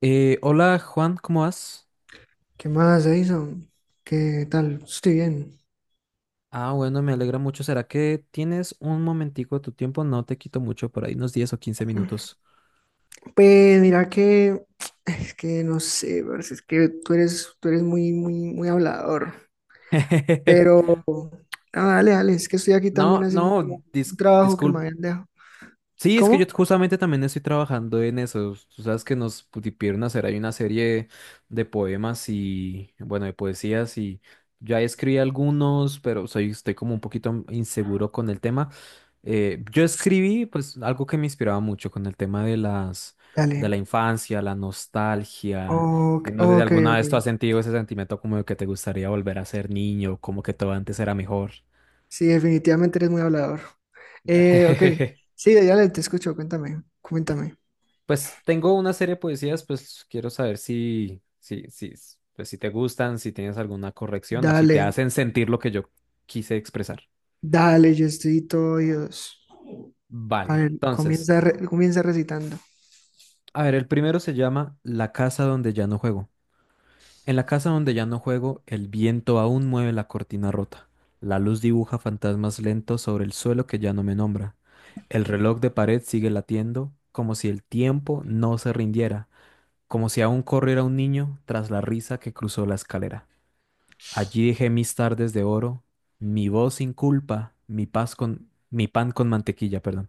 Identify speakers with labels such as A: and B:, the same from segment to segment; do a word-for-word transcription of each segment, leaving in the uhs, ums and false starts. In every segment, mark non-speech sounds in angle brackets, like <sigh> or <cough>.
A: Eh, hola Juan, ¿cómo vas?
B: ¿Qué más, Edison? ¿Qué tal? Estoy bien.
A: Ah, bueno, me alegra mucho. ¿Será que tienes un momentico de tu tiempo? No te quito mucho, por ahí unos diez o quince minutos.
B: Pues mira que es que no sé, parce, es que tú eres, tú eres muy, muy, muy hablador.
A: <laughs>
B: Pero no, dale, dale, es que estoy aquí
A: No,
B: también haciendo como
A: no, Dis,
B: un trabajo que me
A: disculpa,
B: habían dejado.
A: sí, es que yo
B: ¿Cómo?
A: justamente también estoy trabajando en eso. Tú sabes que nos pidieron hacer ahí una serie de poemas y, bueno, de poesías y ya escribí algunos, pero soy, estoy como un poquito inseguro con el tema. Eh, yo escribí, pues, algo que me inspiraba mucho con el tema de las, de la
B: Dale.
A: infancia, la nostalgia.
B: Ok,
A: Y no sé si
B: ok,
A: alguna
B: ok.
A: vez tú has sentido ese sentimiento como de que te gustaría volver a ser niño, como que todo antes era mejor.
B: Sí, definitivamente eres muy hablador. Eh, ok.
A: <laughs>
B: Sí, dale, te escucho, cuéntame, cuéntame.
A: Pues tengo una serie de poesías, pues quiero saber si, si, si, pues, si te gustan, si tienes alguna corrección o si te
B: Dale,
A: hacen sentir lo que yo quise expresar.
B: dale, yo estoy todo oídos. A
A: Vale.
B: ver,
A: Entonces,
B: comienza, re- comienza recitando.
A: a ver, el primero se llama La casa donde ya no juego. En la casa donde ya no juego, el viento aún mueve la cortina rota. La luz dibuja fantasmas lentos sobre el suelo que ya no me nombra. El reloj de pared sigue latiendo, como si el tiempo no se rindiera, como si aún corriera un niño tras la risa que cruzó la escalera. Allí dejé mis tardes de oro, mi voz sin culpa, mi paz con mi pan con mantequilla, perdón,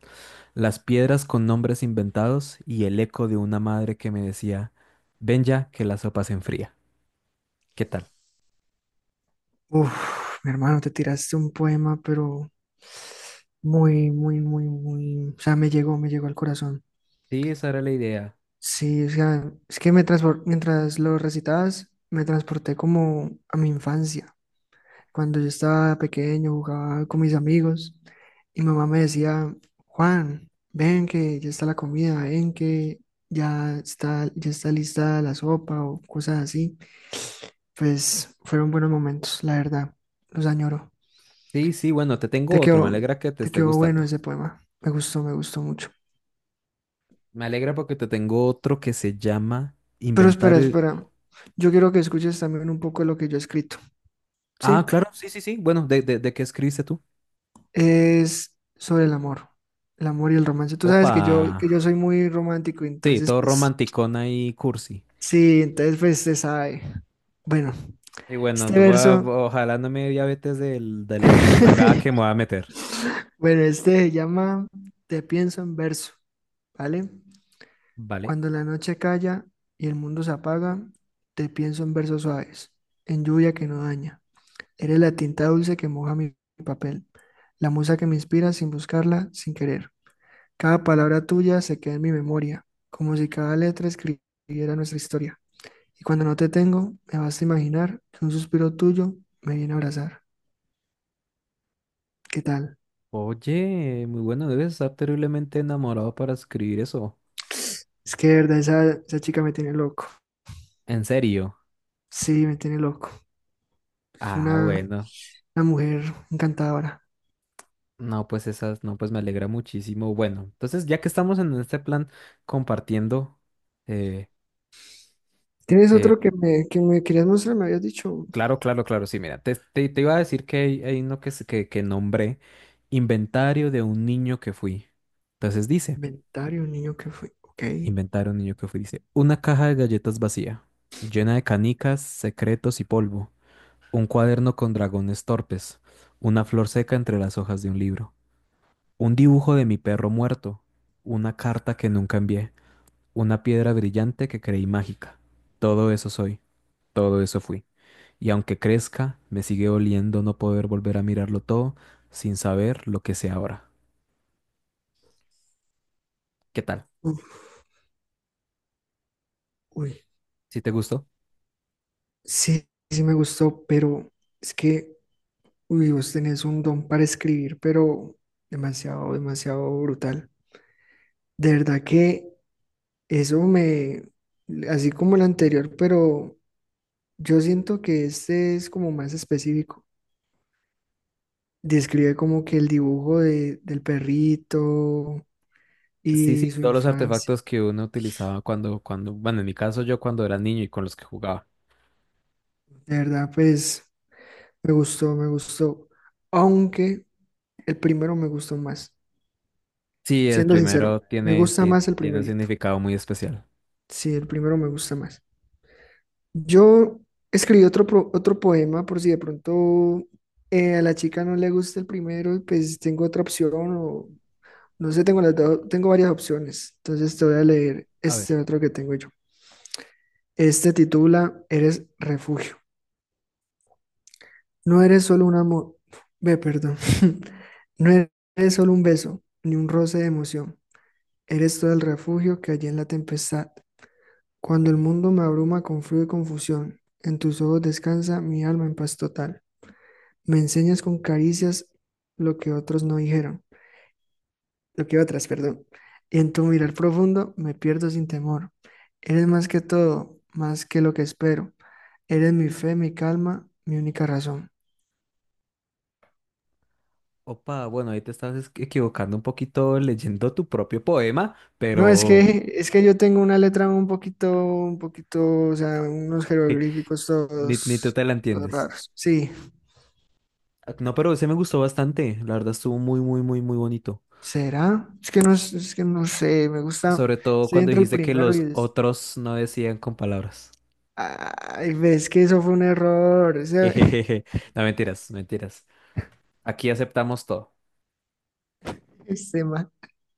A: las piedras con nombres inventados y el eco de una madre que me decía, ven ya que la sopa se enfría. ¿Qué tal?
B: Uf, mi hermano, te tiraste un poema, pero muy, muy, muy, muy, o sea, me llegó, me llegó al corazón.
A: Sí, esa era la idea.
B: Sí, o sea, es que me transpor- mientras lo recitabas, me transporté como a mi infancia. Cuando yo estaba pequeño, jugaba con mis amigos y mi mamá me decía, Juan, ven que ya está la comida, ven que ya está, ya está lista la sopa o cosas así. Pues fueron buenos momentos, la verdad, los añoro.
A: Sí, sí, bueno, te tengo
B: Te
A: otro, me
B: quedó,
A: alegra que te
B: te
A: esté
B: quedó bueno
A: gustando.
B: ese poema. Me gustó, me gustó mucho.
A: Me alegra porque te tengo otro que se llama
B: Pero espera,
A: Inventario.
B: espera. Yo quiero que escuches también un poco de lo que yo he escrito. Sí,
A: Ah, claro, sí, sí, sí. Bueno, ¿de, de, de qué escribiste tú?
B: es sobre el amor, el amor y el romance. Tú sabes
A: Opa.
B: que yo, que yo soy muy romántico,
A: Sí,
B: entonces,
A: todo
B: pues,
A: romanticona y cursi.
B: sí, entonces, pues, se sabe. Bueno,
A: Y bueno,
B: este
A: tú va-
B: verso,
A: ojalá no me dé diabetes del, de la empalagada que me voy
B: <laughs>
A: a meter.
B: bueno, este se llama Te pienso en verso, ¿vale?
A: Vale.
B: Cuando la noche calla y el mundo se apaga, te pienso en versos suaves, en lluvia que no daña. Eres la tinta dulce que moja mi papel, la musa que me inspira sin buscarla, sin querer. Cada palabra tuya se queda en mi memoria, como si cada letra escribiera nuestra historia. Y cuando no te tengo, me basta imaginar que un suspiro tuyo me viene a abrazar. ¿Qué tal?
A: Oye, muy bueno, debes estar terriblemente enamorado para escribir eso.
B: Es que de verdad esa, esa chica me tiene loco.
A: ¿En serio?
B: Sí, me tiene loco. Es
A: Ah,
B: una,
A: bueno.
B: una mujer encantadora.
A: No, pues esas, no, pues me alegra muchísimo. Bueno, entonces ya que estamos en este plan compartiendo, eh,
B: ¿Tienes otro
A: eh,
B: que me, que me querías mostrar? Me habías dicho
A: claro, claro, claro, sí, mira, te, te, te iba a decir que hay, hay uno que, se- que, que nombré, inventario de un niño que fui. Entonces dice.
B: inventario, un niño que fue. Ok.
A: Inventaron un niño que fue, dice, una caja de galletas vacía, llena de canicas, secretos y polvo, un cuaderno con dragones torpes, una flor seca entre las hojas de un libro, un dibujo de mi perro muerto, una carta que nunca envié, una piedra brillante que creí mágica. Todo eso soy, todo eso fui. Y aunque crezca, me sigue doliendo no poder volver a mirarlo todo sin saber lo que sé ahora. ¿Qué tal?
B: Uf, uy.
A: ¿Si te gustó?
B: Sí, sí me gustó, pero es que, uy, vos tenés un don para escribir, pero demasiado, demasiado brutal. De verdad que eso me, así como el anterior, pero yo siento que este es como más específico. Describe como que el dibujo de, del perrito
A: Sí,
B: y
A: sí,
B: su
A: todos los
B: infancia.
A: artefactos que uno utilizaba cuando, cuando, bueno, en mi caso yo cuando era niño y con los que jugaba.
B: De verdad, pues me gustó, me gustó. Aunque el primero me gustó más.
A: Sí, el
B: Siendo sincero,
A: primero
B: me
A: tiene,
B: gusta
A: tiene,
B: más el
A: tiene un
B: primerito.
A: significado muy especial.
B: Sí, el primero me gusta más. Yo escribí otro, pro- otro poema por si de pronto eh, a la chica no le gusta el primero, pues tengo otra opción o no sé, tengo, las do- tengo varias opciones. Entonces te voy a leer
A: A ver,
B: este otro que tengo yo. Este titula Eres refugio. No eres solo un amor, ve, perdón. <laughs> No eres solo un beso, ni un roce de emoción. Eres todo el refugio que hay en la tempestad. Cuando el mundo me abruma con frío y confusión, en tus ojos descansa mi alma en paz total. Me enseñas con caricias lo que otros no dijeron, lo que otras, perdón. Y en tu mirar profundo me pierdo sin temor. Eres más que todo, más que lo que espero. Eres mi fe, mi calma, mi única razón.
A: opa, bueno, ahí te estás es- equivocando un poquito leyendo tu propio poema,
B: No, es
A: pero
B: que es que yo tengo una letra un poquito, un poquito, o sea, unos jeroglíficos
A: <laughs> ni, ni tú
B: todos,
A: te la
B: todos
A: entiendes.
B: raros. Sí.
A: Ah, no, pero ese me gustó bastante, la verdad estuvo muy, muy, muy, muy bonito.
B: ¿Será? Es que no, es es que no sé, me gusta,
A: Sobre todo
B: estoy
A: cuando
B: entre el
A: dijiste que
B: primero y
A: los
B: es,
A: otros no decían con palabras. <laughs>
B: ay, ves que eso fue un error, ese, <laughs>
A: Jejeje. No, mentiras, mentiras. Aquí aceptamos todo.
B: ese ma-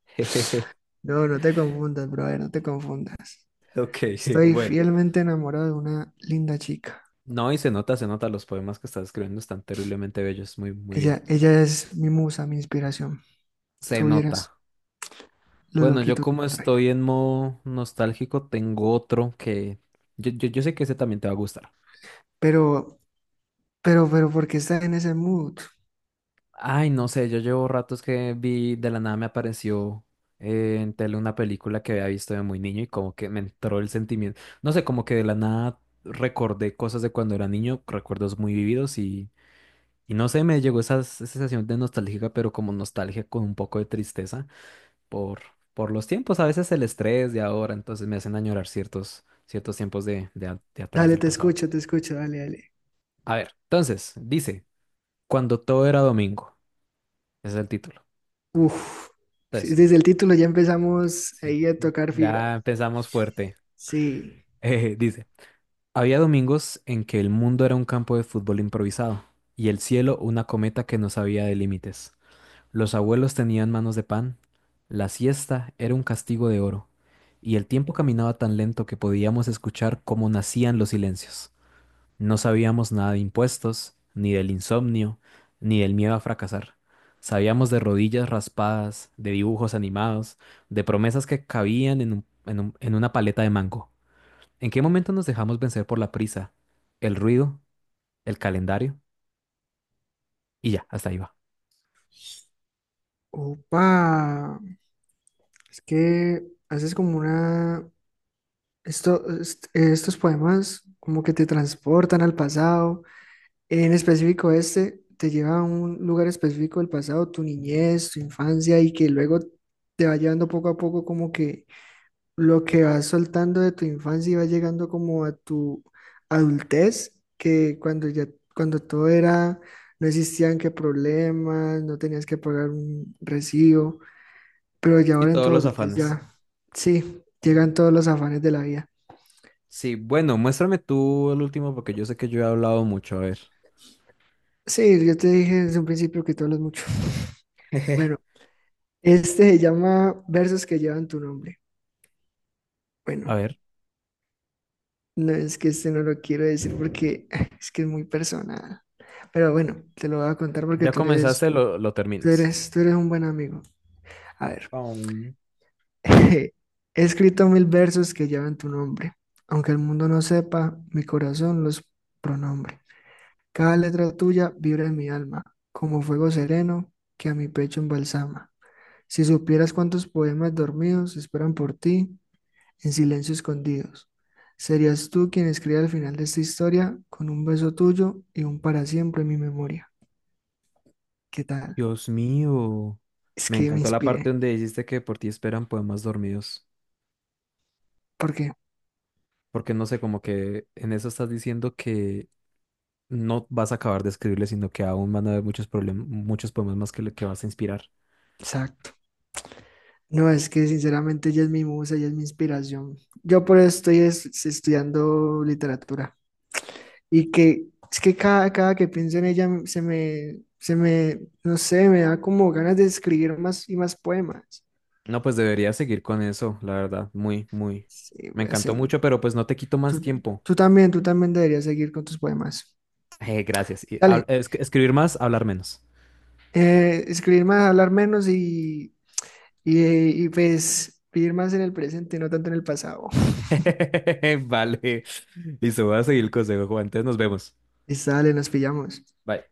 A: <laughs>
B: No, no te confundas, brother, no te confundas.
A: Ok, <laughs>
B: Estoy
A: bueno.
B: fielmente enamorado de una linda chica.
A: No, y se nota, se nota, los poemas que estás escribiendo están terriblemente bellos, muy, muy bien.
B: Ella, ella es mi musa, mi inspiración.
A: Se
B: Tú vieras
A: nota.
B: lo
A: Bueno, yo
B: loquito que
A: como
B: me trae.
A: estoy en modo nostálgico, tengo otro que yo, yo, yo sé que ese también te va a gustar.
B: Pero, pero, pero, ¿por qué estás en ese mood?
A: Ay, no sé, yo llevo ratos que vi, de la nada me apareció eh, en tele una película que había visto de muy niño y como que me entró el sentimiento. No sé, como que de la nada recordé cosas de cuando era niño, recuerdos muy vividos. Y no sé, me llegó esa s- sensación de nostálgica pero como nostalgia con un poco de tristeza por, por los tiempos, a veces el estrés de ahora, entonces me hacen añorar ciertos, ciertos tiempos de, de, a- de atrás
B: Dale,
A: del
B: te
A: pasado.
B: escucho, te escucho, dale, dale.
A: A ver, entonces, dice, cuando todo era domingo, ese es el título.
B: Uf, sí,
A: Entonces,
B: desde el título ya empezamos
A: sí,
B: ahí a tocar fibras.
A: ya empezamos fuerte. <laughs>
B: Sí.
A: Eh, dice, había domingos en que el mundo era un campo de fútbol improvisado y el cielo una cometa que no sabía de límites. Los abuelos tenían manos de pan, la siesta era un castigo de oro, y el tiempo caminaba tan lento que podíamos escuchar cómo nacían los silencios. No sabíamos nada de impuestos, ni del insomnio, ni del miedo a fracasar. Sabíamos de rodillas raspadas, de dibujos animados, de promesas que cabían en un- en un- en una paleta de mango. ¿En qué momento nos dejamos vencer por la prisa, el ruido, el calendario? Y ya, hasta ahí va.
B: Opa, es que haces como una... Esto, est- estos poemas como que te transportan al pasado. En específico este, te lleva a un lugar específico del pasado, tu niñez, tu infancia, y que luego te va llevando poco a poco como que lo que vas soltando de tu infancia y va llegando como a tu adultez, que cuando ya, cuando todo era, no existían que problemas, no tenías que pagar un recibo, pero ya
A: Y
B: ahora en tu
A: todos los
B: adultez
A: afanes.
B: ya, sí, llegan todos los afanes de la vida.
A: Sí, bueno, muéstrame tú el último porque yo sé que yo he hablado mucho. A ver.
B: Sí, yo te dije desde un principio que tú hablas mucho.
A: <laughs>
B: <laughs>
A: Jeje.
B: Bueno, este se llama Versos que llevan tu nombre.
A: A
B: Bueno,
A: ver.
B: no es que este no lo quiero decir porque <laughs> es que es muy personal. Pero bueno, te lo voy a contar porque
A: Ya
B: tú eres.
A: comenzaste, lo, lo
B: Tú
A: terminas.
B: eres, tú eres un buen amigo. A ver,
A: Oh.
B: <laughs> he escrito mil versos que llevan tu nombre. Aunque el mundo no sepa, mi corazón los pronombre. Cada letra tuya vibra en mi alma, como fuego sereno que a mi pecho embalsama. Si supieras cuántos poemas dormidos esperan por ti, en silencio escondidos, serías tú quien escriba al final de esta historia con un beso tuyo y un para siempre en mi memoria. ¿Qué tal?
A: Dios mío.
B: Es
A: Me <laughs>
B: que me
A: encantó la parte
B: inspiré,
A: donde dijiste que por ti esperan poemas dormidos.
B: porque,
A: Porque no sé, como que en eso estás diciendo que no vas a acabar de escribirle, sino que aún van a haber muchos problemas, muchos poemas más que, le- que vas a inspirar.
B: o sea, no, es que sinceramente ella es mi musa, ella es mi inspiración. Yo por eso estoy es- estudiando literatura. Y que es que cada, cada que pienso en ella se me, se me, no sé, me da como ganas de escribir más y más poemas.
A: No, pues debería seguir con eso, la verdad. Muy, muy.
B: Sí,
A: Me
B: voy a
A: encantó
B: seguir.
A: mucho, pero pues no te quito
B: Tú,
A: más tiempo.
B: tú también, tú también deberías seguir con tus poemas.
A: Eh, gracias. Y hab-
B: Dale,
A: es- escribir más, hablar menos.
B: eh, escribir más, hablar menos y, y, y pues vivir más en el presente, no tanto en el pasado.
A: <laughs> Vale. Listo, voy a seguir el consejo, Juan. Entonces nos vemos.
B: Listo, dale, nos pillamos.
A: Bye.